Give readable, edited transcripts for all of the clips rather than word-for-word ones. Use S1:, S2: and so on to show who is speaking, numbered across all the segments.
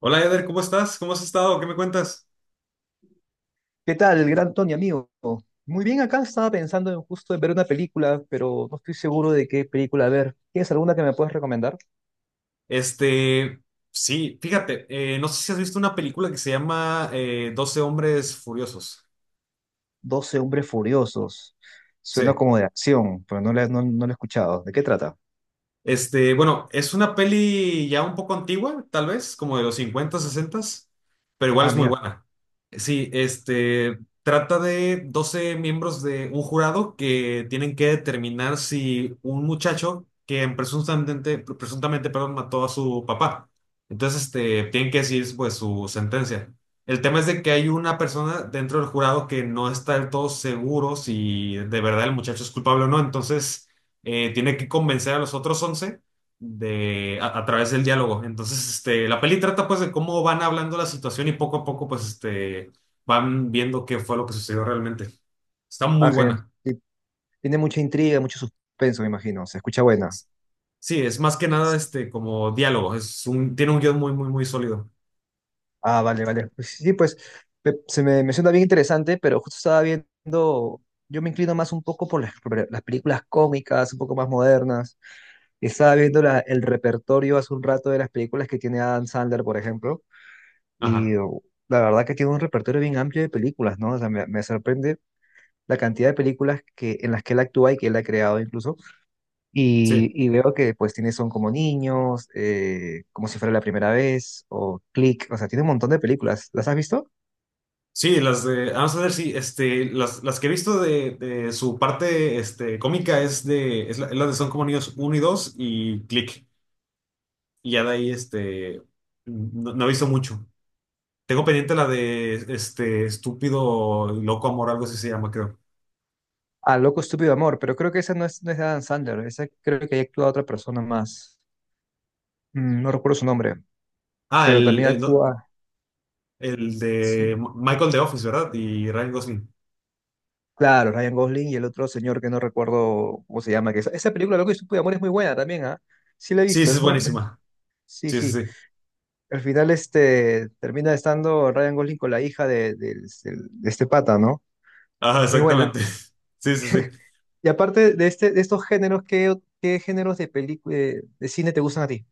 S1: Hola Eder, ¿cómo estás? ¿Cómo has estado? ¿Qué me cuentas?
S2: ¿Qué tal, el gran Tony, amigo? Muy bien, acá estaba pensando en justo en ver una película, pero no estoy seguro de qué película ver. ¿Tienes alguna que me puedas recomendar?
S1: Este, sí, fíjate, no sé si has visto una película que se llama 12 hombres furiosos.
S2: 12 hombres furiosos.
S1: Sí.
S2: Suena como de acción, pero no la he escuchado. ¿De qué trata?
S1: Este, bueno, es una peli ya un poco antigua, tal vez, como de los 50, 60, pero igual
S2: Ah,
S1: es muy
S2: mira.
S1: buena. Sí, este, trata de doce miembros de un jurado que tienen que determinar si un muchacho que presuntamente, presuntamente, perdón, mató a su papá. Entonces, este, tienen que decir, pues, su sentencia. El tema es de que hay una persona dentro del jurado que no está del todo seguro si de verdad el muchacho es culpable o no, entonces tiene que convencer a los otros 11 a través del diálogo. Entonces, este, la peli trata pues de cómo van hablando la situación y poco a poco pues este, van viendo qué fue lo que sucedió realmente. Está muy
S2: Ah, genial.
S1: buena.
S2: Sí, tiene mucha intriga, mucho suspenso, me imagino. Se escucha buena.
S1: Sí, es más que nada este, como diálogo. Tiene un guión muy, muy, muy sólido.
S2: Ah, vale, vale. Pues sí, sí, pues me- se me, me suena bien interesante, pero justo estaba viendo, yo me inclino más un poco por las películas cómicas, un poco más modernas. Estaba viendo el repertorio hace un rato de las películas que tiene Adam Sandler, por ejemplo,
S1: Ajá,
S2: y la verdad que tiene un repertorio bien amplio de películas, ¿no? O sea, me sorprende la cantidad de películas que, en las que él actúa y que él ha creado incluso,
S1: sí.
S2: y veo que pues tiene Son como niños, como si fuera la primera vez, o Click, o sea, tiene un montón de películas. ¿Las has visto?
S1: Sí, las de Adam Sandler, sí, este, las que he visto de su parte este, cómica es la de Son como niños uno y dos y Click. Y ya de ahí, este, no, no he visto mucho. Tengo pendiente la de este estúpido loco amor, algo así se llama, creo.
S2: Ah, Loco Estúpido Amor, pero creo que esa no es de Adam Sandler, esa creo que ahí actúa otra persona más. No recuerdo su nombre,
S1: Ah,
S2: pero también
S1: no,
S2: actúa,
S1: el de
S2: sí,
S1: Michael de Office, ¿verdad? Y Ryan Gosling.
S2: claro, Ryan Gosling y el otro señor que no recuerdo cómo se llama, que esa película Loco Estúpido Amor es muy buena también, ¿ah? Sí la he
S1: Sí,
S2: visto,
S1: sí, es
S2: es muy,
S1: buenísima.
S2: sí,
S1: Sí,
S2: sí.
S1: sí, sí.
S2: Al final este termina estando Ryan Gosling con la hija de este pata, ¿no?
S1: Ah,
S2: Muy buena.
S1: exactamente. Sí, sí, sí.
S2: Y aparte de de estos géneros, ¿qué géneros de película de cine te gustan a ti?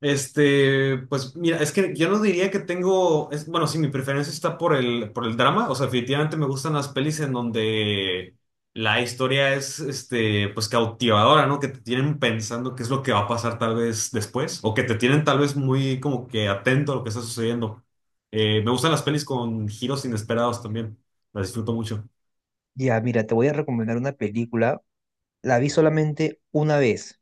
S1: Este, pues mira, es que yo no diría que tengo, es, bueno, sí, mi preferencia está por el drama, o sea, definitivamente me gustan las pelis en donde la historia es, este, pues cautivadora, ¿no? Que te tienen pensando qué es lo que va a pasar tal vez después, o que te tienen tal vez muy como que atento a lo que está sucediendo. Me gustan las pelis con giros inesperados también, las disfruto mucho.
S2: Ya, mira, te voy a recomendar una película. La vi solamente una vez.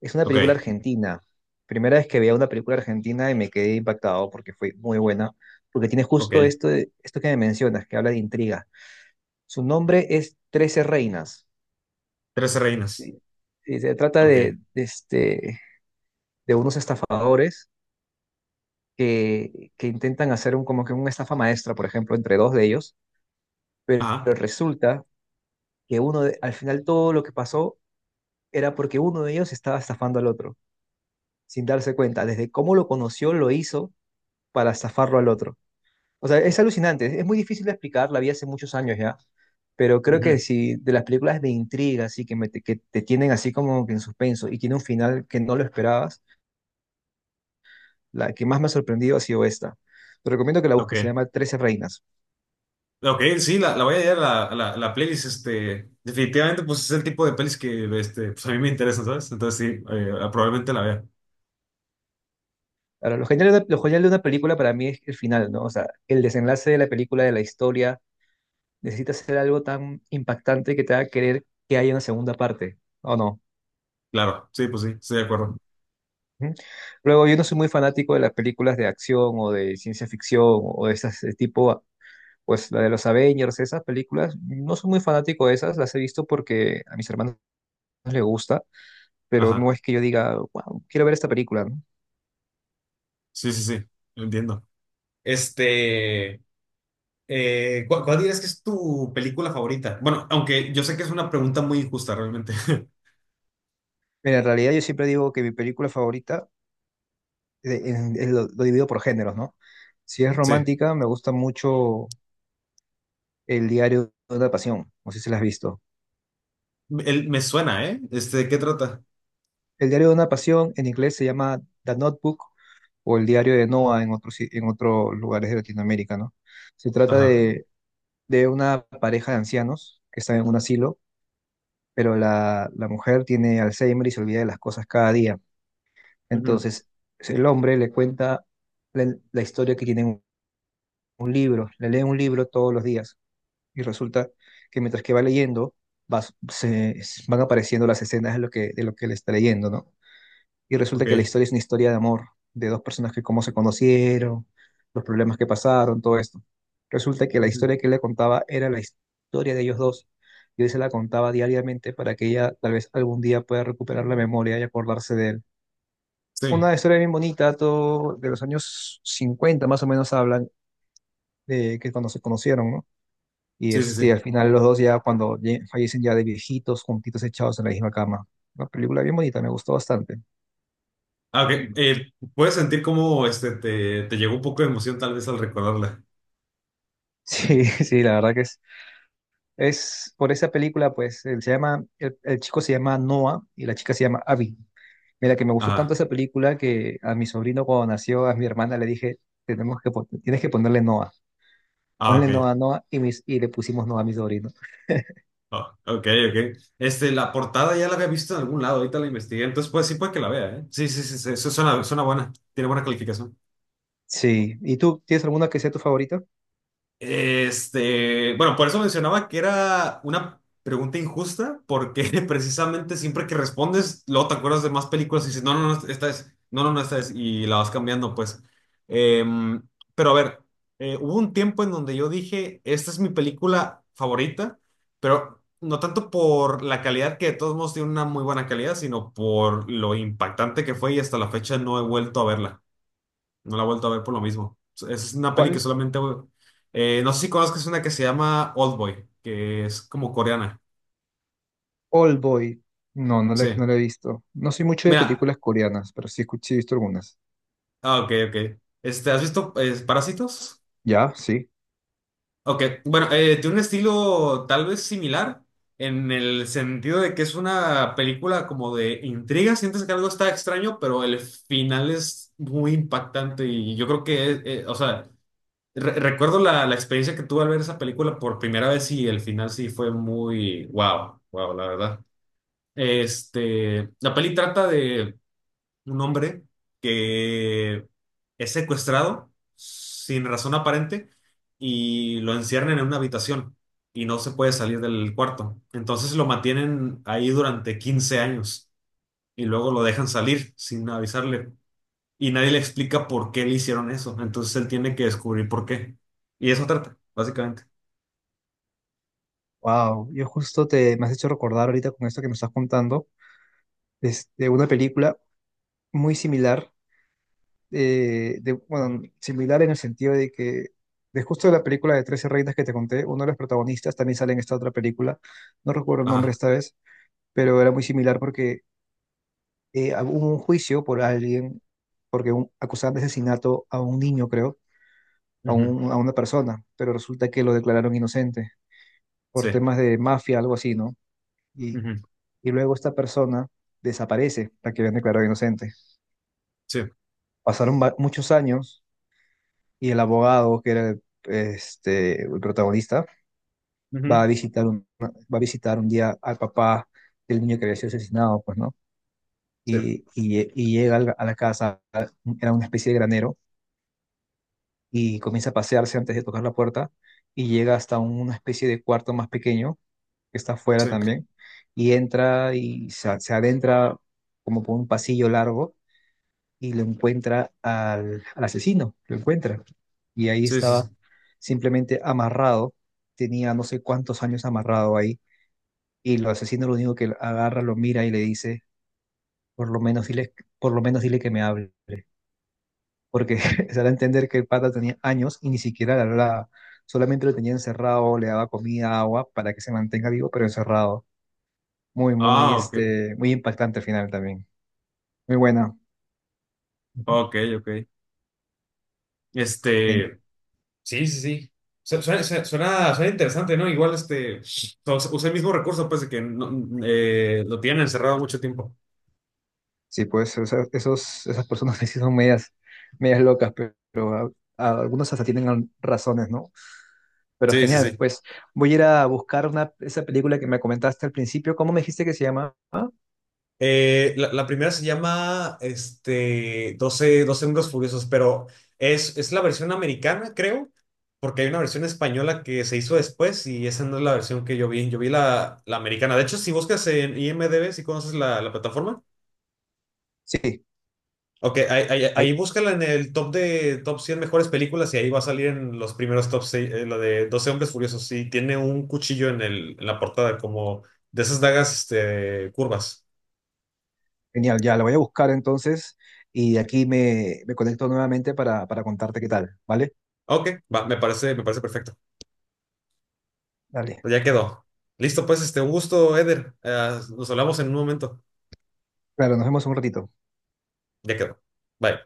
S2: Es una
S1: Ok,
S2: película argentina. Primera vez que veía una película argentina y me quedé impactado porque fue muy buena, porque tiene
S1: ok.
S2: justo esto que me mencionas, que habla de intriga. Su nombre es Trece Reinas.
S1: Trece reinas.
S2: Y- y se trata
S1: Ok.
S2: de unos estafadores que intentan hacer como que una estafa maestra, por ejemplo, entre dos de ellos, pero
S1: Ajá.
S2: resulta que al final todo lo que pasó era porque uno de ellos estaba estafando al otro. Sin darse cuenta. Desde cómo lo conoció, lo hizo para zafarlo al otro. O sea, es alucinante, es muy difícil de explicar, la vi hace muchos años ya, pero creo
S1: Ujú,
S2: que si de las películas de intriga, así que, que te tienen así como que en suspenso y tiene un final que no lo esperabas, la que más me ha sorprendido ha sido esta. Te recomiendo que la
S1: ok.
S2: busques, se llama Trece Reinas.
S1: Ok, sí, la voy a hallar la playlist, este, definitivamente, pues es el tipo de pelis que, este, pues a mí me interesan, ¿sabes? Entonces sí, probablemente la vea.
S2: Ahora, lo genial de una película para mí es el final, ¿no? O sea, el desenlace de la película, de la historia, necesita ser algo tan impactante que te haga querer que haya una segunda parte, ¿o no?
S1: Claro, sí, pues sí, estoy de acuerdo.
S2: Ujú. Luego, yo no soy muy fanático de las películas de acción o de ciencia ficción o de esas de tipo, pues la de los Avengers, esas películas, no soy muy fanático de esas, las he visto porque a mis hermanos les gusta, pero no
S1: Ajá,
S2: es que yo diga, wow, quiero ver esta película, ¿no?
S1: sí, sí, sí, entiendo. Este, ¿cuál, dirías que es tu película favorita? Bueno, aunque yo sé que es una pregunta muy injusta realmente.
S2: Mira, en realidad yo siempre digo que mi película favorita, lo divido por géneros, ¿no? Si es
S1: Sí,
S2: romántica, me gusta mucho El diario de una pasión, no sé si la has visto.
S1: Me suena, ¿eh? Este, ¿de qué trata?
S2: El diario de una pasión en inglés se llama The Notebook o el diario de Noah en otros, en otros lugares de Latinoamérica, ¿no? Se trata
S1: Ajá,
S2: de una pareja de ancianos que están en un asilo, pero la mujer tiene Alzheimer y se olvida de las cosas cada día.
S1: ujú,
S2: Entonces, el hombre le cuenta la historia que tiene en un libro, le lee un libro todos los días y resulta que mientras que va leyendo, va- se, van apareciendo las escenas de lo que le está leyendo, ¿no? Y resulta que la
S1: ok,
S2: historia es una historia de amor, de dos personas que cómo se conocieron, los problemas que pasaron, todo esto. Resulta que la
S1: ujú,
S2: historia que él le contaba era la historia de ellos dos. Y él se la contaba diariamente para que ella tal vez algún día pueda recuperar la memoria y acordarse de él.
S1: sí,
S2: Una historia bien bonita, todo de los años 50 más o menos hablan de que cuando se conocieron, ¿no? Y
S1: sí, sí,
S2: este,
S1: sí.
S2: al final los dos ya cuando fallecen ya de viejitos, juntitos echados en la misma cama. Una película bien bonita, me gustó bastante.
S1: Ah, ok. Puedes sentir cómo este, te llegó un poco de emoción tal vez al recordarla.
S2: Sí, sí, la verdad que es por esa película, pues, él se llama, el chico se llama Noah y la chica se llama Abby. Mira, que me gustó tanto
S1: Ajá.
S2: esa película que a mi sobrino cuando nació, a mi hermana le dije, tenemos tienes que ponerle Noah.
S1: Ah,
S2: Ponle
S1: ok.
S2: Noah, Noah y le pusimos Noah a mi sobrino.
S1: Ah, ok, ok. Este, la portada ya la había visto en algún lado, ahorita la investigué, entonces pues sí puede que la vea, ¿eh? Sí, sí, sí, sí, eso suena buena, tiene buena calificación.
S2: Sí, ¿y tú tienes alguna que sea tu favorita?
S1: Este, bueno, por eso mencionaba que era una pregunta injusta, porque precisamente siempre que respondes, luego te acuerdas de más películas y dices, no, no, no, esta es, no, no, no, esta es, y la vas cambiando, pues. Em, pero a ver, hubo un tiempo en donde yo dije, esta es mi película favorita, pero no tanto por la calidad, que de todos modos tiene una muy buena calidad, sino por lo impactante que fue y hasta la fecha no he vuelto a verla. No la he vuelto a ver por lo mismo. Es una peli que
S2: ¿Cuál?
S1: solamente... No sé si conozcas una que se llama Oldboy, que es como coreana.
S2: Old Boy. No, no la,
S1: Sí.
S2: no la he visto. No soy mucho de
S1: Mira,
S2: películas coreanas, pero sí, sí he visto algunas.
S1: ah, ok, ok. Este, ¿has visto Parásitos?
S2: ¿Ya? Sí.
S1: Ok, bueno, tiene un estilo tal vez similar en el sentido de que es una película como de intriga. Sientes que algo está extraño, pero el final es muy impactante y yo creo que, o sea... Recuerdo la experiencia que tuve al ver esa película por primera vez y el final sí fue muy wow, wow, la verdad. Este, la peli trata de un hombre que es secuestrado sin razón aparente y lo encierran en una habitación y no se puede salir del cuarto. Entonces lo mantienen ahí durante 15 años y luego lo dejan salir sin avisarle y nadie le explica por qué le hicieron eso. Entonces él tiene que descubrir por qué. Y eso trata, básicamente.
S2: Wow, yo justo te me has hecho recordar ahorita con esto que me estás contando, una película muy similar bueno, similar en el sentido de que de justo la película de 13 reinas que te conté, uno de los protagonistas también sale en esta otra película, no recuerdo el nombre
S1: Ajá.
S2: esta vez, pero era muy similar porque hubo un juicio por alguien, porque acusaban de asesinato a un niño, creo, a,
S1: Ujú.
S2: un- a una persona, pero resulta que lo declararon inocente por
S1: Sí.
S2: temas de mafia, algo así, ¿no? Y,
S1: Ujú.
S2: y luego esta persona desaparece, la que habían declarado inocente.
S1: Sí.
S2: Pasaron muchos años y el abogado, que era el protagonista,
S1: Ujú.
S2: va a visitar un día al papá del niño que había sido asesinado, pues, ¿no?
S1: Sí.
S2: Y llega a la casa, era una especie de granero, y comienza a pasearse antes de tocar la puerta, y llega hasta una especie de cuarto más pequeño, que está afuera
S1: Sí.
S2: también, y entra y se adentra como por un pasillo largo y lo encuentra al asesino, lo encuentra. Y ahí
S1: Sí, sí,
S2: estaba
S1: sí.
S2: simplemente amarrado, tenía no sé cuántos años amarrado ahí, y el asesino lo único que agarra, lo mira y le dice, por lo menos dile, por lo menos dile que me hable, porque se da a entender que el pata tenía años y ni siquiera le hablaba, solamente lo tenía encerrado, le daba comida, agua, para que se mantenga vivo, pero encerrado. Muy, muy,
S1: Ah, ok.
S2: muy impactante al final también. Muy buena. Ujú.
S1: Ok, ok. Este. Sí, sí, sí. Suena interesante, ¿no? Igual este. O sea, usa el mismo recurso, pues, de que lo tienen encerrado mucho tiempo.
S2: Sí, pues esas personas que sí son medias, medias locas, pero, algunos hasta tienen razones, ¿no? Pero
S1: Sí, sí,
S2: genial,
S1: sí.
S2: pues voy a ir a buscar esa película que me comentaste al principio. ¿Cómo me dijiste que se llama?
S1: La primera se llama este, doce Hombres Furiosos, pero es la versión americana, creo, porque hay una versión española que se hizo después y esa no es la versión que yo vi. Yo vi la americana. De hecho, si buscas en IMDb, si conoces la plataforma,
S2: Sí,
S1: ok, ahí
S2: ahí,
S1: búscala en el top 100 mejores películas y ahí va a salir en los primeros top 6 la de 12 Hombres Furiosos. Y tiene un cuchillo en la portada, como de esas dagas este, curvas.
S2: genial, ya la voy a buscar entonces y aquí me conecto nuevamente para contarte qué tal, ¿vale?
S1: Ok, va, me parece perfecto.
S2: Dale,
S1: Pues ya quedó. Listo, pues, este, un gusto, Eder. Nos hablamos en un momento.
S2: claro, nos vemos en un ratito.
S1: Ya quedó. Bye.